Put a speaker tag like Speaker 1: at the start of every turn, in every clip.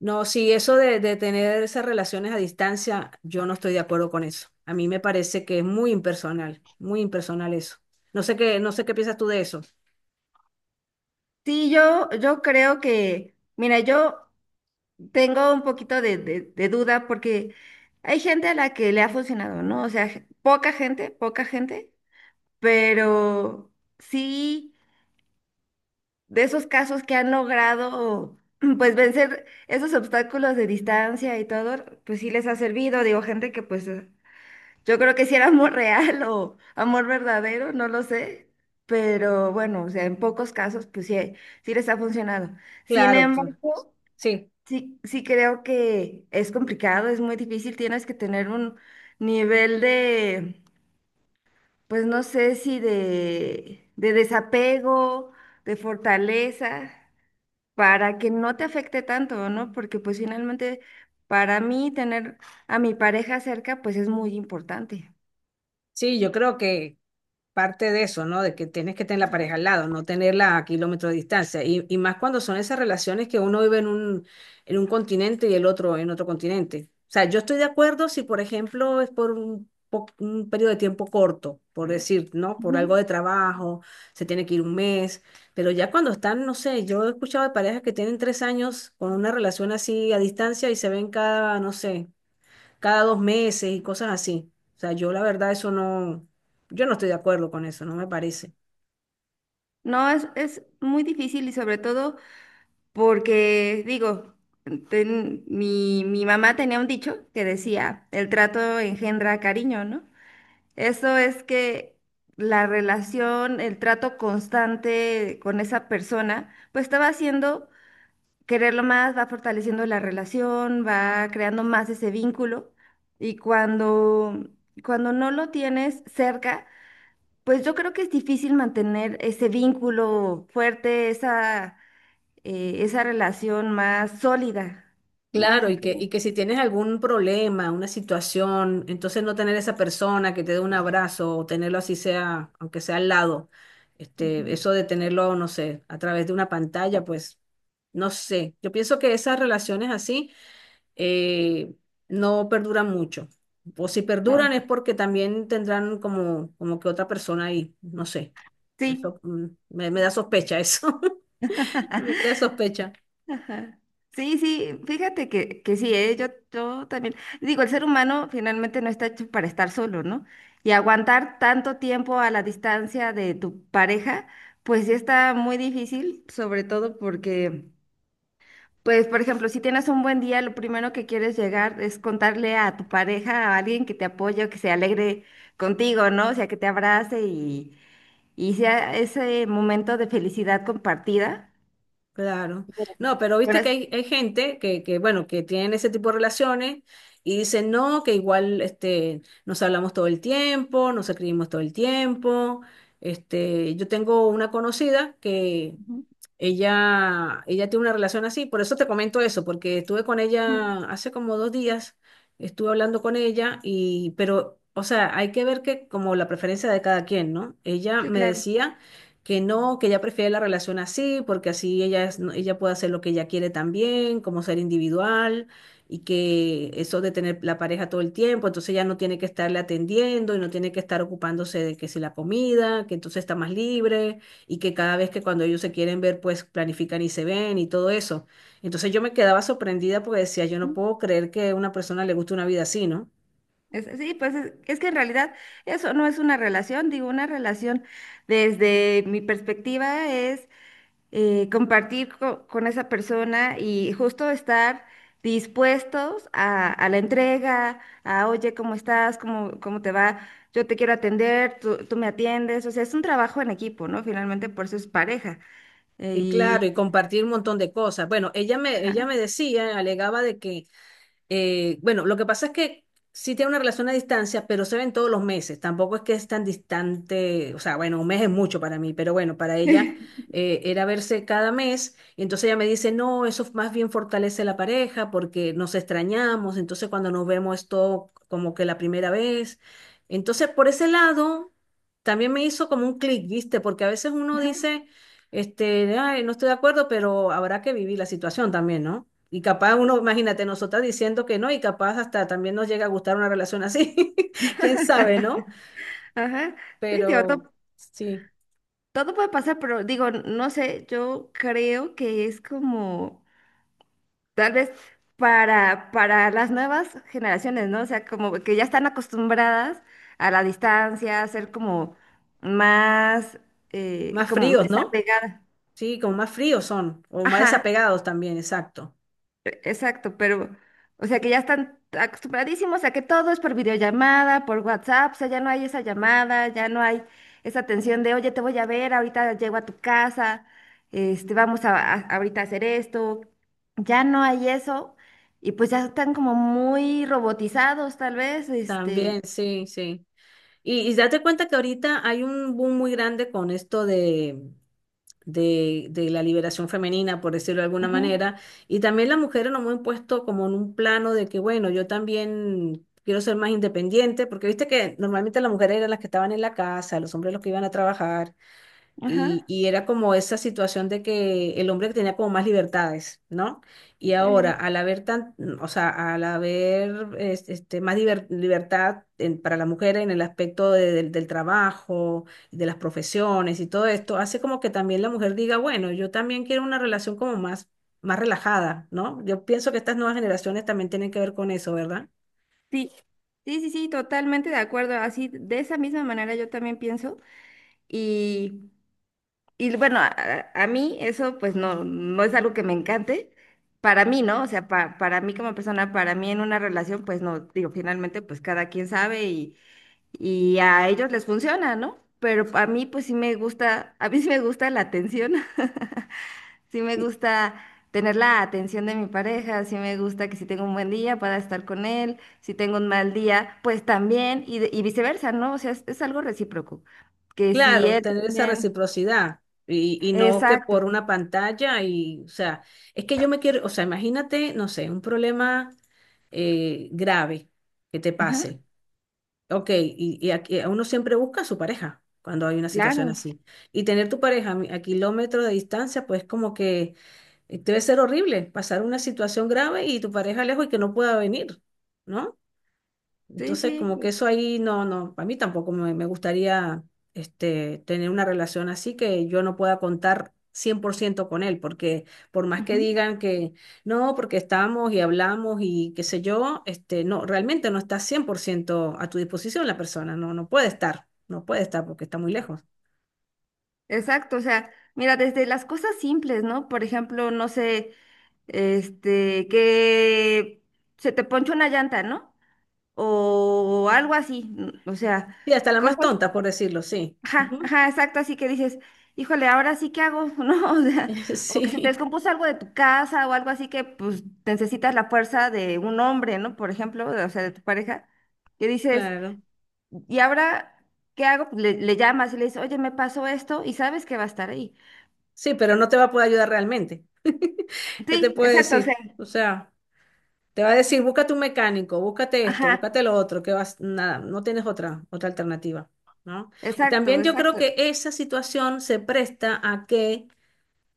Speaker 1: No, sí, eso de tener esas relaciones a distancia, yo no estoy de acuerdo con eso. A mí me parece que es muy impersonal eso. No sé qué piensas tú de eso.
Speaker 2: Sí, yo creo que, mira, yo tengo un poquito de, de duda porque hay gente a la que le ha funcionado, ¿no? O sea, poca gente, pero sí de esos casos que han logrado, pues, vencer esos obstáculos de distancia y todo, pues sí les ha servido. Digo, gente que pues yo creo que si era amor real o amor verdadero, no lo sé, pero bueno, o sea, en pocos casos, pues sí, sí les ha funcionado. Sin
Speaker 1: Claro,
Speaker 2: embargo,
Speaker 1: sí,
Speaker 2: sí, sí creo que es complicado, es muy difícil, tienes que tener un nivel de, pues no sé si de, de desapego, de fortaleza, para que no te afecte tanto, ¿no? Porque pues finalmente, para mí, tener a mi pareja cerca, pues es muy importante.
Speaker 1: sí, yo creo que, parte de eso, ¿no? De que tienes que tener la pareja al lado, no tenerla a kilómetros de distancia. Y más cuando son esas relaciones que uno vive en un continente y el otro en otro continente. O sea, yo estoy de acuerdo si, por ejemplo, es por un periodo de tiempo corto, por decir, ¿no? Por
Speaker 2: Ujú.
Speaker 1: algo de trabajo, se tiene que ir un mes, pero ya cuando están, no sé, yo he escuchado de parejas que tienen 3 años con una relación así a distancia y se ven cada, no sé, cada 2 meses y cosas así. O sea, yo la verdad eso no, yo no estoy de acuerdo con eso, no me parece.
Speaker 2: No, es muy difícil y sobre todo porque, digo, mi mamá tenía un dicho que decía, el trato engendra cariño, ¿no? Eso es que la relación, el trato constante con esa persona, pues te va haciendo quererlo más, va fortaleciendo la relación, va creando más ese vínculo y cuando, cuando no lo tienes cerca, pues yo creo que es difícil mantener ese vínculo fuerte, esa, esa relación más sólida, ¿no?
Speaker 1: Claro,
Speaker 2: Así
Speaker 1: y que, y
Speaker 2: como...
Speaker 1: que si tienes algún problema, una situación, entonces no tener esa persona que te dé un abrazo o tenerlo así sea, aunque sea al lado, este,
Speaker 2: ujú,
Speaker 1: eso de tenerlo, no sé, a través de una pantalla, pues, no sé. Yo pienso que esas relaciones así eh, no perduran mucho. O si
Speaker 2: ah,
Speaker 1: perduran es porque también tendrán como que otra persona ahí, no sé.
Speaker 2: sí.
Speaker 1: Eso me da sospecha eso. Me crea sospecha.
Speaker 2: Sí, sí, fíjate que sí, ¿eh? Yo también. Digo, el ser humano finalmente no está hecho para estar solo, ¿no? Y aguantar tanto tiempo a la distancia de tu pareja, pues sí está muy difícil, sobre todo porque... Pues, por ejemplo, si tienes un buen día, lo primero que quieres llegar es contarle a tu pareja, a alguien que te apoye o que se alegre contigo, ¿no? O sea, que te abrace y sea ese momento de felicidad compartida.
Speaker 1: Claro.
Speaker 2: Ujú.
Speaker 1: No, pero
Speaker 2: Con
Speaker 1: viste que
Speaker 2: es-
Speaker 1: hay gente que, bueno, que tienen ese tipo de relaciones y dicen, no, que igual este, nos hablamos todo el tiempo, nos escribimos todo el tiempo. Este, yo tengo una conocida que,
Speaker 2: Ujú,
Speaker 1: Ella, ella tiene una relación así, por eso te comento eso, porque estuve con
Speaker 2: ujú.
Speaker 1: ella hace como 2 días, estuve hablando con ella pero, o sea, hay que ver que como la preferencia de cada quien, ¿no? Ella
Speaker 2: Sí,
Speaker 1: me
Speaker 2: claro.
Speaker 1: decía que no, que ella prefiere la relación así, porque así ella es, no, ella puede hacer lo que ella quiere también, como ser individual y que eso de tener la pareja todo el tiempo, entonces ella no tiene que estarle atendiendo y no tiene que estar ocupándose de que si la comida, que entonces está más libre y que cada vez que cuando ellos se quieren ver, pues planifican y se ven y todo eso. Entonces yo me quedaba sorprendida porque decía, yo no
Speaker 2: Ujú.
Speaker 1: puedo creer que a una persona le guste una vida así, ¿no?
Speaker 2: Sí, pues es que en realidad eso no es una relación, digo, una relación desde mi perspectiva es compartir con esa persona y justo estar dispuestos a la entrega, a, oye, ¿cómo estás? ¿Cómo te va? Yo te quiero atender, tú me atiendes. O sea, es un trabajo en equipo, ¿no? Finalmente, por eso es pareja.
Speaker 1: Y claro,
Speaker 2: Y...
Speaker 1: y compartir un montón de cosas. Bueno, ella me, ella
Speaker 2: Ajá.
Speaker 1: me decía, alegaba de que Bueno, lo que pasa es que sí tiene una relación a distancia, pero se ven todos los meses. Tampoco es que es tan distante, o sea, bueno, un mes es mucho para mí, pero bueno, para ella era verse cada mes. Y entonces ella me dice, no, eso más bien fortalece la pareja porque nos extrañamos. Entonces cuando nos vemos es todo como que la primera vez. Entonces por ese lado también me hizo como un clic, ¿viste? Porque a veces uno dice, este, ay, no estoy de acuerdo, pero habrá que vivir la situación también, ¿no? Y capaz uno, imagínate, nosotras diciendo que no, y capaz hasta también nos llega a gustar una relación así. Quién sabe, ¿no?
Speaker 2: Ajá. Sí, digo,
Speaker 1: Pero sí,
Speaker 2: todo puede pasar, pero digo, no sé, yo creo que es como... Tal vez para las nuevas generaciones, ¿no? O sea, como que ya están acostumbradas a la distancia, a ser como más,
Speaker 1: más
Speaker 2: como
Speaker 1: fríos, ¿no?
Speaker 2: desapegada.
Speaker 1: Sí, como más fríos son, o más
Speaker 2: Ajá,
Speaker 1: desapegados también, exacto.
Speaker 2: exacto, pero, o sea, que ya están acostumbradísimos a que todo es por videollamada, por WhatsApp, o sea, ya no hay esa llamada, ya no hay esa tensión de, oye, te voy a ver, ahorita llego a tu casa, este, vamos a, ahorita a hacer esto, ya no hay eso, y pues ya están como muy robotizados, tal vez, este,
Speaker 1: También, sí, sí. Y date cuenta que ahorita hay un boom muy grande con esto de la liberación femenina, por decirlo de alguna
Speaker 2: ujú,
Speaker 1: manera. Y también las mujeres nos hemos puesto como en un plano de que, bueno, yo también quiero ser más independiente, porque viste que normalmente las mujeres eran las que estaban en la casa, los hombres los que iban a trabajar. Y,
Speaker 2: ajá,
Speaker 1: y era como esa situación de que el hombre tenía como más libertades, ¿no? Y
Speaker 2: muy
Speaker 1: ahora,
Speaker 2: bien.
Speaker 1: al haber o sea, al haber más libertad para la mujer en el aspecto del trabajo, de las profesiones y todo esto, hace como que también la mujer diga, bueno, yo también quiero una relación como más relajada, ¿no? Yo pienso que estas nuevas generaciones también tienen que ver con eso, ¿verdad?
Speaker 2: Sí, sí, sí, sí, totalmente de acuerdo, así, de esa misma manera yo también pienso, y... Y bueno, a mí eso pues no, no es algo que me encante. Para mí, ¿no? O sea, para mí como persona, para mí en una relación, pues no, digo, finalmente pues cada quien sabe y, a ellos les funciona, ¿no? Pero a mí pues sí me gusta, a mí sí me gusta la atención, sí me gusta tener la atención de mi pareja, sí me gusta que si tengo un buen día pueda estar con él, si tengo un mal día, pues también, y, y viceversa, ¿no? O sea, es algo recíproco, que si
Speaker 1: Claro,
Speaker 2: él
Speaker 1: tener esa
Speaker 2: también...
Speaker 1: reciprocidad y no que
Speaker 2: Exacto.
Speaker 1: por una pantalla y, o sea, es que yo me quiero, o sea, imagínate, no sé, un problema grave que te
Speaker 2: Ajá.
Speaker 1: pase. Ok, y aquí, uno siempre busca a su pareja cuando hay una situación
Speaker 2: Claro,
Speaker 1: así. Y tener tu pareja a kilómetros de distancia, pues como que debe ser horrible pasar una situación grave y tu pareja lejos y que no pueda venir, ¿no?
Speaker 2: sí,
Speaker 1: Entonces, como que
Speaker 2: sí,
Speaker 1: eso ahí no, no, a mí tampoco me gustaría, este, tener una relación así que yo no pueda contar 100% con él, porque por más que
Speaker 2: ujú,
Speaker 1: digan que no, porque estamos y hablamos y qué sé yo, este, no, realmente no está 100% a tu disposición la persona, no, no puede estar, no puede estar porque está muy lejos.
Speaker 2: exacto. O sea, mira, desde las cosas simples, ¿no? Por ejemplo, no sé, este, que se te ponchó una llanta, ¿no? O algo así. O sea,
Speaker 1: Sí, hasta la más
Speaker 2: cosas,
Speaker 1: tonta, por decirlo, sí.
Speaker 2: ajá,
Speaker 1: Ujú.
Speaker 2: ajá, exacto, así que dices, híjole, ahora sí que hago, ¿no? O sea, o que se te
Speaker 1: Sí,
Speaker 2: descompuso algo de tu casa o algo así que pues necesitas la fuerza de un hombre, ¿no? Por ejemplo, o sea, de tu pareja, que dices.
Speaker 1: claro.
Speaker 2: Y ahora, ¿qué hago? Pues le llamas y le dices, oye, me pasó esto y sabes que va a estar ahí.
Speaker 1: Sí, pero no te va a poder ayudar realmente. ¿Qué te
Speaker 2: Sí,
Speaker 1: puedo
Speaker 2: exacto, o sea,
Speaker 1: decir? O sea. Te va a decir, búscate un mecánico, búscate esto, búscate
Speaker 2: ajá,
Speaker 1: lo otro, que vas, nada, no tienes otra alternativa, ¿no? Y
Speaker 2: exacto,
Speaker 1: también yo creo
Speaker 2: exacto.
Speaker 1: que esa situación se presta a que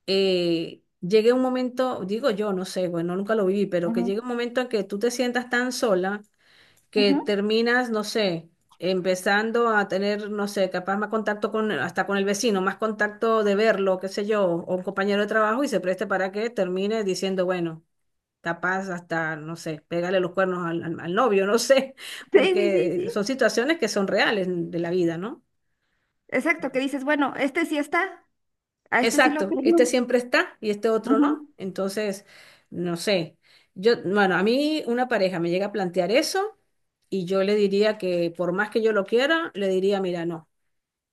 Speaker 1: llegue un momento, digo yo, no sé, bueno, nunca lo viví, pero que
Speaker 2: Ujú,
Speaker 1: llegue un momento en que tú te sientas tan sola que
Speaker 2: ujú.
Speaker 1: terminas, no sé, empezando a tener, no sé, capaz más contacto hasta con el vecino, más contacto de verlo, qué sé yo, o un compañero de trabajo y se preste para que termine diciendo, bueno, capaz hasta, no sé, pegarle los cuernos al novio, no sé,
Speaker 2: Sí, sí, sí,
Speaker 1: porque
Speaker 2: sí.
Speaker 1: son situaciones que son reales de la vida, ¿no?
Speaker 2: Exacto, que dices, bueno, este sí está, a este sí lo
Speaker 1: Exacto, este
Speaker 2: tengo.
Speaker 1: siempre está y este otro no. Entonces, no sé, yo, bueno, a mí una pareja me llega a plantear eso y yo le diría que por más que yo lo quiera, le diría, mira, no,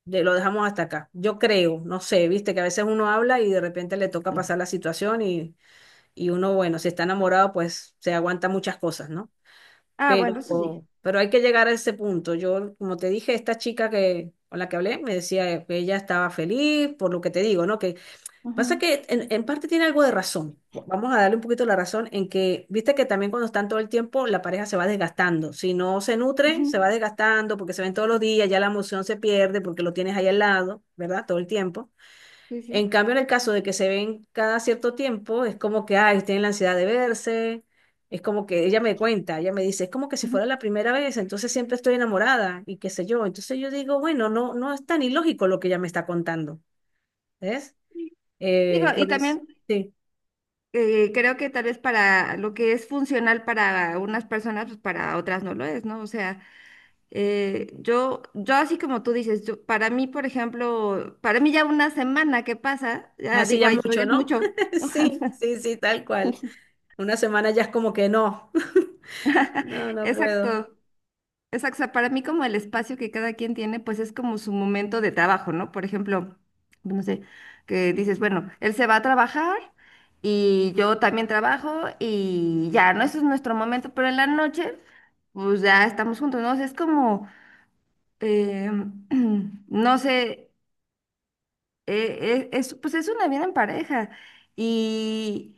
Speaker 1: lo dejamos hasta acá. Yo creo, no sé, viste que a veces uno habla y de repente le toca
Speaker 2: Ujú.
Speaker 1: pasar la situación y uno, bueno, si está enamorado, pues se aguanta muchas cosas, ¿no?
Speaker 2: Ah,
Speaker 1: Pero,
Speaker 2: bueno, eso sí.
Speaker 1: pero hay que llegar a ese punto. Yo, como te dije, esta chica con la que hablé me decía que ella estaba feliz por lo que te digo, ¿no? Que pasa
Speaker 2: Ujú,
Speaker 1: que en parte tiene algo de razón. Vamos a darle un poquito la razón en que, viste que también cuando están todo el tiempo, la pareja se va desgastando. Si no se nutre,
Speaker 2: ujú,
Speaker 1: se va desgastando porque se ven todos los días, ya la emoción se pierde porque lo tienes ahí al lado, ¿verdad? Todo el tiempo.
Speaker 2: sí, sí.
Speaker 1: En cambio, en el caso de que se ven cada cierto tiempo, es como que, ay, tienen la ansiedad de verse, es como que ella me cuenta, ella me dice, es como que si
Speaker 2: Ujú.
Speaker 1: fuera la primera vez, entonces siempre estoy enamorada y qué sé yo. Entonces yo digo, bueno, no, no es tan ilógico lo que ella me está contando, ¿ves?
Speaker 2: Digo, y
Speaker 1: Por eso,
Speaker 2: también
Speaker 1: sí,
Speaker 2: creo que tal vez para lo que es funcional para unas personas, pues para otras no lo es, ¿no? O sea, Yo así como tú dices, para mí, por ejemplo, para mí ya una semana que pasa, ya
Speaker 1: así
Speaker 2: digo,
Speaker 1: ya es
Speaker 2: ay, yo ya
Speaker 1: mucho,
Speaker 2: es
Speaker 1: ¿no?
Speaker 2: mucho.
Speaker 1: Sí, sí, sí, tal cual. Una semana ya es como que no, no, no puedo.
Speaker 2: Exacto, exacto. O sea, para mí como el espacio que cada quien tiene, pues es como su momento de trabajo, ¿no? Por ejemplo, no sé, que dices, bueno, él se va a trabajar y yo también trabajo y ya, ¿no? Eso es nuestro momento, pero en la noche, pues ya estamos juntos, ¿no? O sea, es como, eh, no sé. Es, pues es una vida en pareja y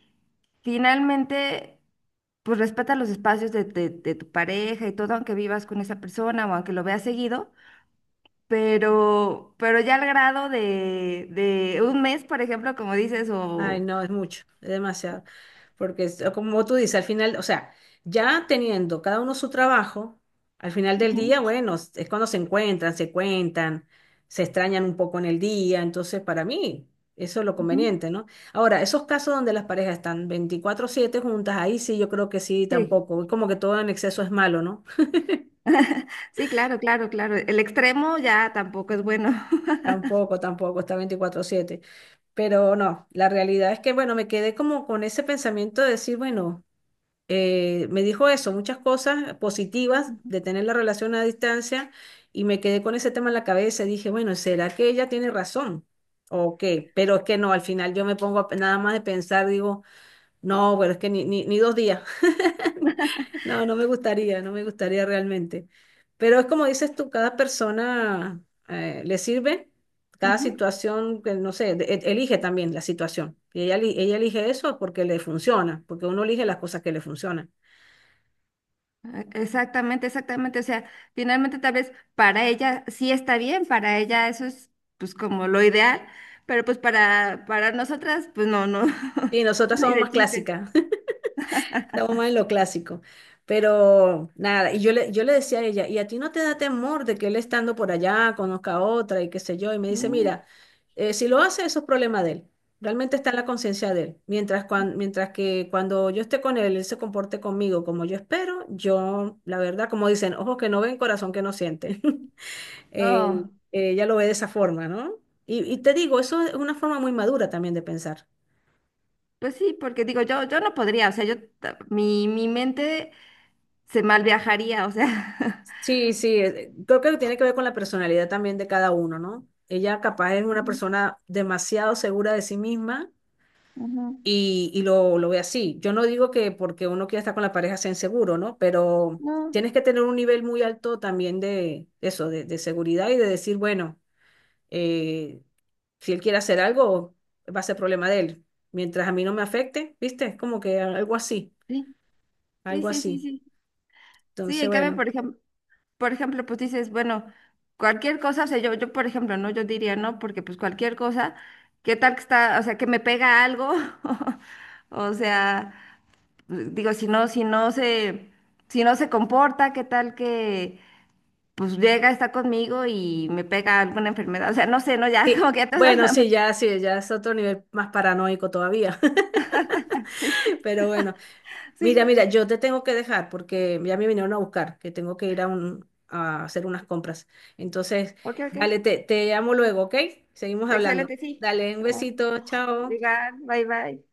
Speaker 2: finalmente, pues respeta los espacios de, de tu pareja y todo, aunque vivas con esa persona o aunque lo veas seguido, pero ya al grado de, un mes, por ejemplo, como dices,
Speaker 1: Ay,
Speaker 2: o...
Speaker 1: no, es mucho, es demasiado. Porque como tú dices, al final, o sea, ya teniendo cada uno su trabajo, al final del
Speaker 2: Ujú,
Speaker 1: día, bueno, es cuando se encuentran, se cuentan, se extrañan un poco en el día, entonces para mí eso es lo
Speaker 2: ujú,
Speaker 1: conveniente, ¿no? Ahora, esos casos donde las parejas están 24/7 juntas, ahí sí yo creo que sí,
Speaker 2: sí,
Speaker 1: tampoco, es como que todo en exceso es malo, ¿no?
Speaker 2: sí, claro, claro, claro. El extremo ya tampoco es bueno.
Speaker 1: Tampoco, tampoco está 24/7, pero no, la realidad es que, bueno, me quedé como con ese pensamiento de decir, bueno. Me dijo eso, muchas cosas positivas
Speaker 2: Ujú,
Speaker 1: de tener la relación a distancia y me quedé con ese tema en la cabeza y dije, bueno, ¿será que ella tiene razón? ¿O qué? Pero es que no, al final yo me pongo nada más de pensar, digo, no, bueno, es que ni 2 días. No, no me gustaría, no me gustaría realmente. Pero es como dices tú, cada persona le sirve, cada
Speaker 2: ujú.
Speaker 1: situación, que no sé, elige también la situación. Y ella elige eso porque le funciona, porque uno elige las cosas que le funcionan.
Speaker 2: Exactamente, exactamente. O sea, finalmente tal vez para ella sí está bien, para ella eso es pues como lo ideal, pero pues para nosotras, pues no, no,
Speaker 1: Y nosotras
Speaker 2: ni
Speaker 1: somos
Speaker 2: de
Speaker 1: más
Speaker 2: chiste.
Speaker 1: clásicas. Estamos más en lo clásico. Pero nada, y yo le decía a ella, ¿y a ti no te da temor de que él estando por allá conozca a otra y qué sé yo? Y me
Speaker 2: Sí,
Speaker 1: dice, mira, si lo hace, eso es problema de él. Realmente está en la conciencia de él. Mientras, mientras que cuando yo esté con él, él se comporte conmigo como yo espero, yo, la verdad, como dicen, ojos que no ven, corazón que no siente. Eh,
Speaker 2: no,
Speaker 1: ella lo ve de esa forma, ¿no? Y te digo, eso es una forma muy madura también de pensar.
Speaker 2: pues sí, porque digo, yo no podría, o sea, yo, mi mente se mal viajaría, o sea.
Speaker 1: Sí, sí, creo que tiene que ver con la personalidad también de cada uno, ¿no? Ella capaz es una
Speaker 2: Ujú,
Speaker 1: persona demasiado segura de sí misma
Speaker 2: ujú.
Speaker 1: y lo ve así. Yo no digo que porque uno quiera estar con la pareja sea inseguro, ¿no? Pero
Speaker 2: No,
Speaker 1: tienes que tener un nivel muy alto también de eso, de seguridad y de decir, bueno, eh, si él quiere hacer algo, va a ser problema de él. Mientras a mí no me afecte, ¿viste? Es como que algo así,
Speaker 2: sí, sí,
Speaker 1: algo
Speaker 2: sí, sí,
Speaker 1: así.
Speaker 2: sí. Sí,
Speaker 1: Entonces,
Speaker 2: en cambio,
Speaker 1: bueno.
Speaker 2: por ejemplo. Por ejemplo, pues dices, bueno, cualquier cosa, o sea, yo, por ejemplo, ¿no? Yo diría, no, porque pues cualquier cosa, ¿qué tal que está, o sea, que me pega algo? O sea, pues, digo, si no se comporta, ¿qué tal que pues llega, está conmigo y me pega alguna enfermedad? O sea, no sé, no, ya,
Speaker 1: Sí,
Speaker 2: como que ya te vas
Speaker 1: bueno, sí, ya, sí, ya es otro nivel más paranoico todavía.
Speaker 2: Sí,
Speaker 1: Pero bueno, mira,
Speaker 2: sí,
Speaker 1: mira, yo te tengo que dejar porque ya me vinieron a buscar, que tengo que ir a hacer unas compras. Entonces,
Speaker 2: ok, ok.
Speaker 1: dale, te llamo luego, ¿ok? Seguimos hablando.
Speaker 2: Excelente, sí.
Speaker 1: Dale, un
Speaker 2: Ah,
Speaker 1: besito, chao.
Speaker 2: igual, bye, bye.